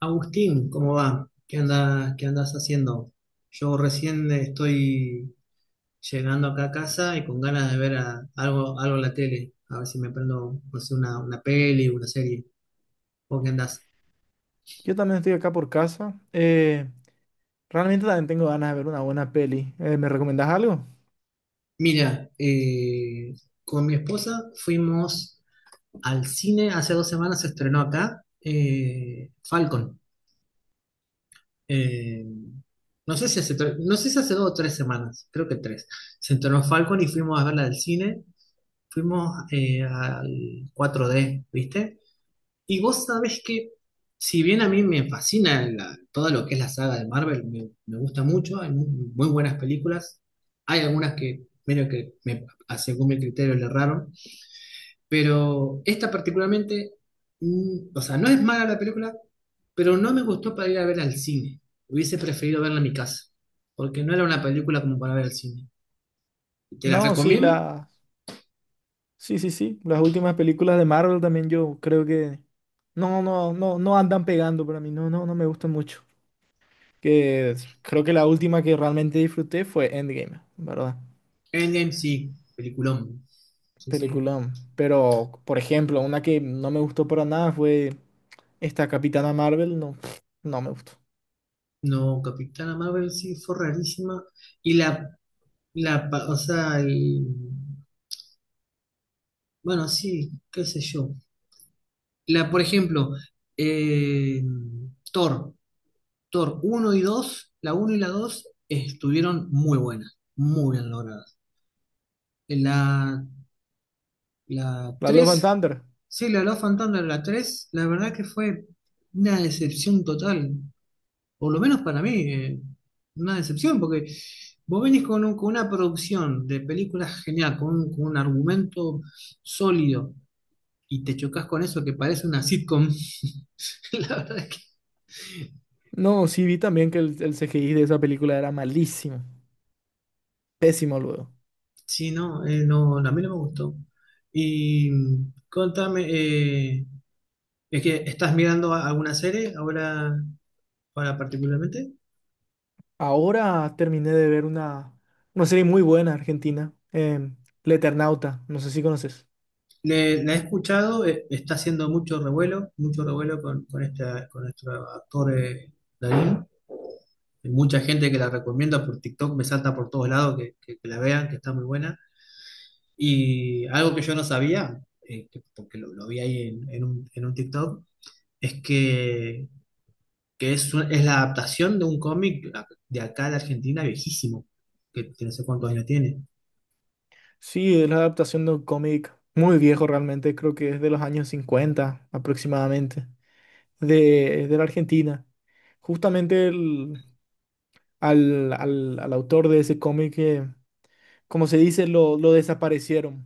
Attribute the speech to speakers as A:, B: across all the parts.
A: Agustín, ¿cómo va? ¿Qué andas haciendo? Yo recién estoy llegando acá a casa y con ganas de ver algo, algo en la tele. A ver si me prendo, no sé, una peli, una serie. ¿Vos qué andás?
B: Yo también estoy acá por casa. Realmente también tengo ganas de ver una buena peli. ¿Me recomendás algo?
A: Mira, con mi esposa fuimos al cine. Hace dos semanas se estrenó acá Falcon. Eh, no sé si hace, no sé si hace dos o tres semanas, creo que tres. Se estrenó Falcon y fuimos a verla al cine. Fuimos al cuatro d, ¿viste? Y vos sabés que, si bien a mí me fascina todo lo que es la saga de Marvel, me gusta mucho, hay muy buenas películas, hay algunas que, medio que me, según mi criterio le erraron, pero esta particularmente, o sea, no es mala la película, pero no me gustó para ir a ver al cine. Hubiese preferido verla en mi casa, porque no era una película como para ver al cine. Te la
B: No, sí,
A: recomiendo.
B: la... Sí, sí, sí, las últimas películas de Marvel también yo creo que... No, no, no, no andan pegando para mí. No, no, no me gustan mucho. Creo que la última que realmente disfruté fue Endgame, ¿verdad?
A: Endgame sí, peliculón. Sí, sí.
B: Peliculón. Pero, por ejemplo, una que no me gustó para nada fue esta Capitana Marvel. No, no me gustó.
A: No, Capitana Marvel sí fue rarísima. Y la, o sea, bueno, sí, qué sé yo. La, por ejemplo, eh, Thor, Thor uno y dos, la uno y la 2 estuvieron muy buenas, muy bien logradas. La, la
B: La Love and
A: 3
B: Thunder.
A: sí, la Love and Thunder, la 3 la verdad que fue una decepción total. Por lo menos para mí, una decepción, porque vos venís con, con una producción de películas genial, con un argumento sólido, y te chocas con eso que parece una sitcom. La verdad es que
B: No, sí vi también que el CGI de esa película era malísimo, pésimo luego.
A: sí, no, no, a mí no me gustó. Y contame, es que estás mirando alguna serie ahora, ahora particularmente.
B: Ahora terminé de ver una serie muy buena argentina, La Eternauta, no sé si conoces.
A: La he escuchado, está haciendo mucho revuelo esta, con nuestro actor Darín. Hay mucha gente que la recomienda por TikTok, me salta por todos lados que, que la vean, que está muy buena. Y algo que yo no sabía, porque lo vi ahí en un TikTok, es que es, es la adaptación de un cómic de acá de Argentina viejísimo, que no sé cuántos años tiene.
B: Sí, es la adaptación de un cómic muy viejo realmente, creo que es de los años 50 aproximadamente, de la Argentina. Justamente al autor de ese cómic, como se dice, lo desaparecieron,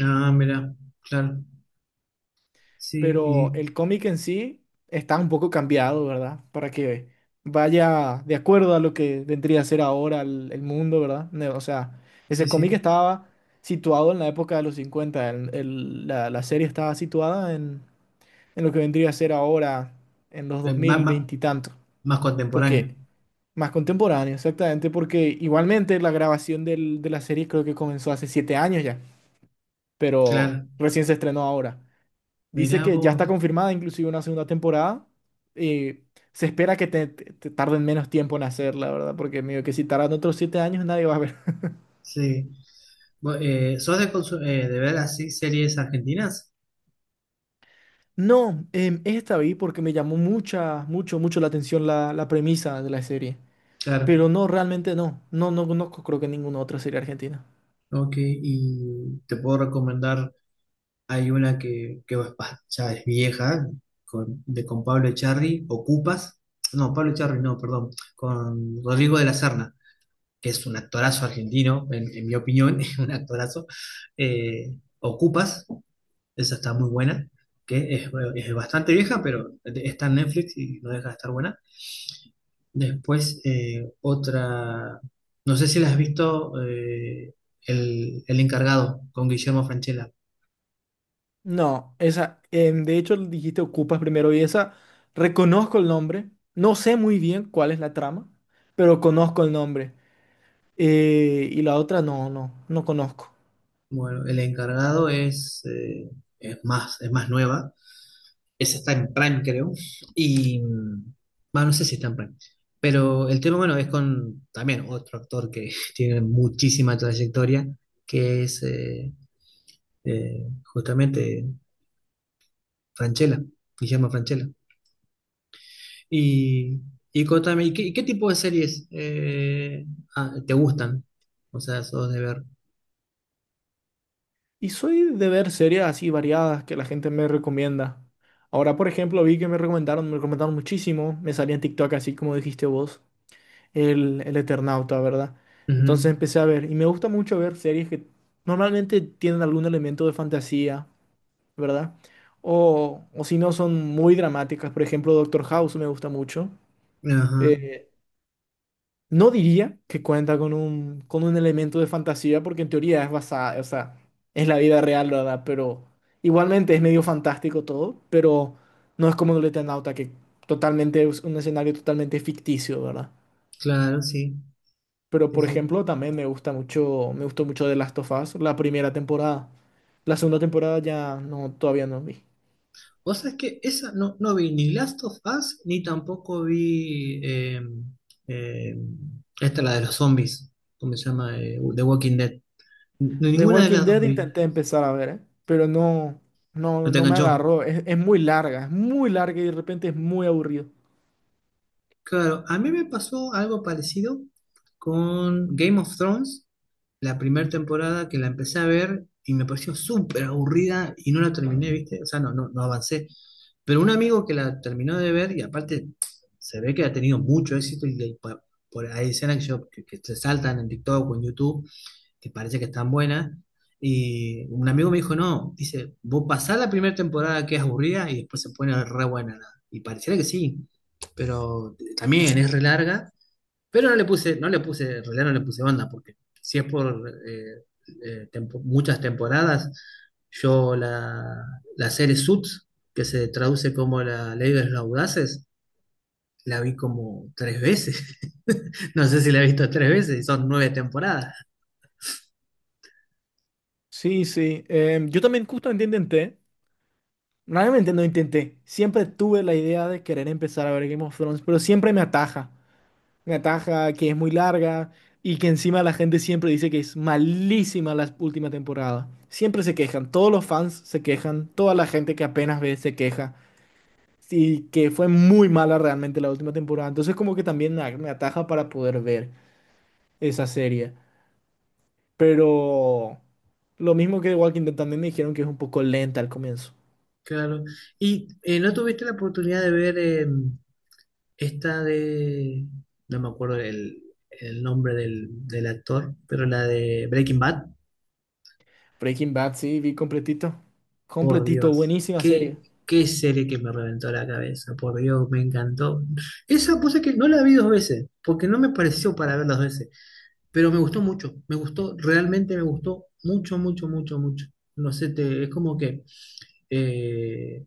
A: Ah, mira, claro. Sí, y,
B: pero el cómic en sí está un poco cambiado, ¿verdad? Para que vaya de acuerdo a lo que vendría a ser ahora el mundo, ¿verdad? O sea,
A: sí,
B: ese cómic
A: sí.
B: estaba situado en la época de los 50, la serie estaba situada en lo que vendría a ser ahora, en los
A: Eh, más, más,
B: 2020 y tanto,
A: más contemporáneo.
B: porque más contemporáneo, exactamente, porque igualmente la grabación de la serie creo que comenzó hace 7 años ya, pero
A: Claro.
B: recién se estrenó ahora. Dice
A: Mirá
B: que ya está
A: vos.
B: confirmada inclusive una segunda temporada. Eh, Se espera que te tarden menos tiempo en hacerla, ¿verdad? Porque medio que si tardan otros 7 años nadie va a ver.
A: Sí. Vos, ¿sos de, de ver así series argentinas?
B: No, esta vi porque me llamó mucha, mucho, mucho la atención la premisa de la serie.
A: Claro.
B: Pero no, realmente no. No, no conozco creo que ninguna otra serie argentina.
A: Ok, y te puedo recomendar, hay una que, ya es vieja, con, de, con Pablo Echarri, Ocupas, no, Pablo Echarri, no, perdón, con Rodrigo de la Serna, que es un actorazo argentino, en mi opinión, es un actorazo. Eh, Ocupas, esa está muy buena, que es bastante vieja, pero está en Netflix y no deja de estar buena. Después, otra, no sé si la has visto, El encargado con Guillermo Francella.
B: No, esa, de hecho dijiste Ocupas primero y esa, reconozco el nombre. No sé muy bien cuál es la trama, pero conozco el nombre. Y la otra no, no, no conozco.
A: Bueno, El encargado es, es más nueva. Esa está en Prime, creo. Y, mm, bueno, no sé si está en Prime. Pero el tema, bueno, es con también otro actor que tiene muchísima trayectoria, que es justamente Francella, Guillermo Francella. Y, y contame, y qué tipo de series te gustan? O sea, sos de ver.
B: Y soy de ver series así variadas que la gente me recomienda. Ahora, por ejemplo, vi que me recomendaron muchísimo. Me salía en TikTok, así como dijiste vos, el Eternauta, ¿verdad?
A: Ujú.
B: Entonces empecé a ver. Y me gusta mucho ver series que normalmente tienen algún elemento de fantasía, ¿verdad? O si no, son muy dramáticas. Por ejemplo, Doctor House me gusta mucho.
A: Ajá,
B: Eh, no diría que cuenta con un elemento de fantasía, porque en teoría es basada, o sea, es la vida real, ¿verdad? Pero igualmente es medio fantástico todo, pero no es como el Eternauta, que totalmente es un escenario totalmente ficticio, ¿verdad?
A: claro, sí,
B: Pero
A: sí,
B: por
A: sí.
B: ejemplo, también me gusta mucho, me gustó mucho The Last of Us, la primera temporada. La segunda temporada ya no, todavía no vi.
A: O sea, es que esa no, no vi ni Last of Us, ni tampoco vi eh, esta, la de los zombies, ¿cómo se llama? The Walking Dead.
B: The
A: Ninguna de
B: Walking
A: las dos
B: Dead
A: vi.
B: intenté empezar a ver, ¿eh? Pero no, no,
A: ¿No te
B: no me
A: enganchó?
B: agarró. Es muy larga y de repente es muy aburrido.
A: Claro, a mí me pasó algo parecido con Game of Thrones, la primera temporada que la empecé a ver y me pareció súper aburrida y no la terminé, ¿viste? O sea, no, no, no avancé. Pero un amigo que la terminó de ver y aparte se ve que ha tenido mucho éxito y, hay escenas que, que se saltan en TikTok o en YouTube que parece que están buenas. Y un amigo me dijo, no, dice, vos pasás la primera temporada que es aburrida y después se pone re buena. ¿No? Y pareciera que sí, pero también es re larga. Pero no le puse, no le puse, en realidad no le puse banda, porque si es por muchas temporadas, yo la, la serie Suits, que se traduce como la ley de los audaces, la vi como tres veces. No sé si la he visto tres veces y son nueve temporadas.
B: Sí, sí. Yo también justamente intenté. Realmente no intenté. Siempre tuve la idea de querer empezar a ver Game of Thrones, pero siempre me ataja. Me ataja que es muy larga y que encima la gente siempre dice que es malísima la última temporada. Siempre se quejan. Todos los fans se quejan. Toda la gente que apenas ve se queja. Y que fue muy mala realmente la última temporada. Entonces como que también me ataja para poder ver esa serie. Pero lo mismo que The Walking Dead también me dijeron que es un poco lenta al comienzo.
A: Claro. ¿Y no tuviste la oportunidad de ver esta de, no me acuerdo el nombre del actor, pero la de Breaking Bad?
B: Breaking Bad, sí, vi completito.
A: Por
B: Completito,
A: Dios,
B: buenísima serie.
A: qué serie que me reventó la cabeza, por Dios, me encantó. Esa cosa que no la vi dos veces, porque no me pareció para ver dos veces, pero me gustó mucho, me gustó, realmente me gustó mucho, mucho, mucho, mucho. No sé, es como que... eh,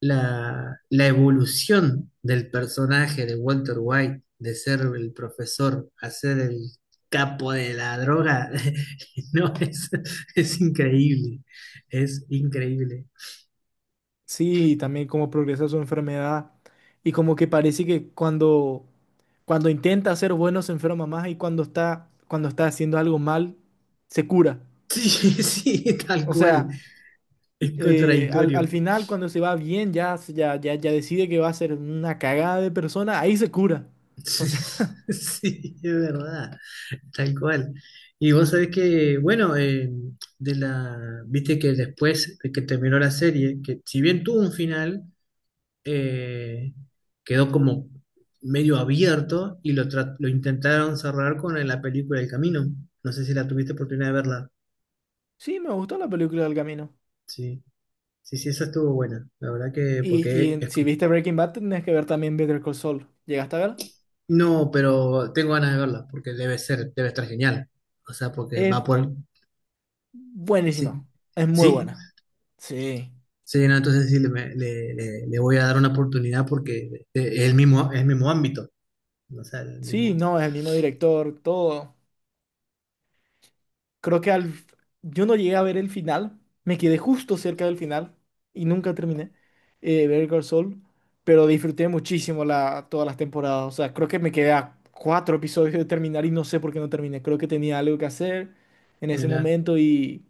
A: la evolución del personaje de Walter White, de ser el profesor a ser el capo de la droga, no, es increíble, es increíble.
B: Sí, y también cómo progresa su enfermedad. Y como que parece que cuando, cuando intenta ser bueno se enferma más y cuando está haciendo algo mal, se cura.
A: Sí, sí, tal
B: O
A: cual,
B: sea,
A: es contradictorio.
B: al final cuando se va bien, ya decide que va a ser una cagada de persona, ahí se cura. O sea,
A: Sí, es verdad, tal cual. Y vos sabés que, bueno, de la, viste que después de que terminó la serie, que si bien tuvo un final, eh, quedó como medio abierto y lo intentaron cerrar con la película El Camino. No sé si la tuviste oportunidad de verla.
B: sí, me gustó la película del camino.
A: Sí, sí, sí, esa estuvo buena. La verdad que,
B: Y,
A: porque es
B: si
A: como...
B: viste Breaking Bad, tenés que ver también Better Call Saul. ¿Llegaste a ver?
A: No, pero tengo ganas de verla, porque debe ser, debe estar genial. O sea, porque
B: Es
A: va por... Sí,
B: Buenísima, es muy
A: sí,
B: buena. Sí,
A: sí, no, entonces sí, le, me- le- le- le voy a dar una oportunidad porque es el mismo ámbito. O sea, el
B: sí,
A: mismo...
B: no, es el mismo director, todo. Creo que al... yo no llegué a ver el final, me quedé justo cerca del final y nunca terminé Better Call Saul, pero disfruté muchísimo la... todas las temporadas. O sea, creo que me quedé a 4 episodios de terminar y no sé por qué no terminé. Creo que tenía algo que hacer en ese
A: Mira.
B: momento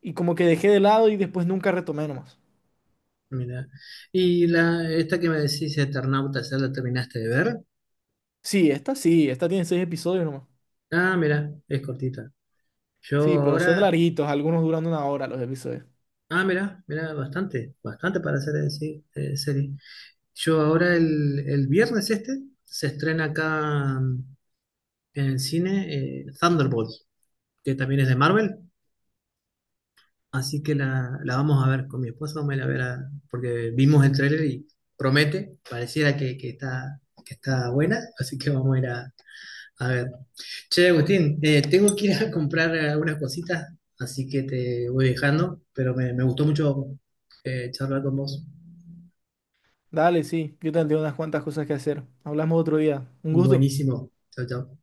B: y como que dejé de lado y después nunca retomé nomás.
A: Mira. Y la, esta que me decís, Eternautas, ¿ya la terminaste de ver?
B: Sí, esta tiene 6 episodios nomás.
A: Ah, mira, es cortita. Yo
B: Sí, pero son
A: ahora,
B: larguitos, algunos duran una hora los episodios.
A: ah, mira, mira, bastante, bastante para hacer sí, serie. Yo ahora el viernes este se estrena acá en el cine Thunderbolt, que también es de Marvel, así que la vamos a ver con mi esposa, vamos a ir a ver porque vimos el tráiler y promete, pareciera que está buena, así que vamos a ir a. A ver. Che, Agustín, tengo que ir a comprar algunas cositas, así que te voy dejando, pero me gustó mucho charlar con vos.
B: Dale, sí, yo también tengo unas cuantas cosas que hacer. Hablamos otro día. Un gusto.
A: Buenísimo. Chao, chao.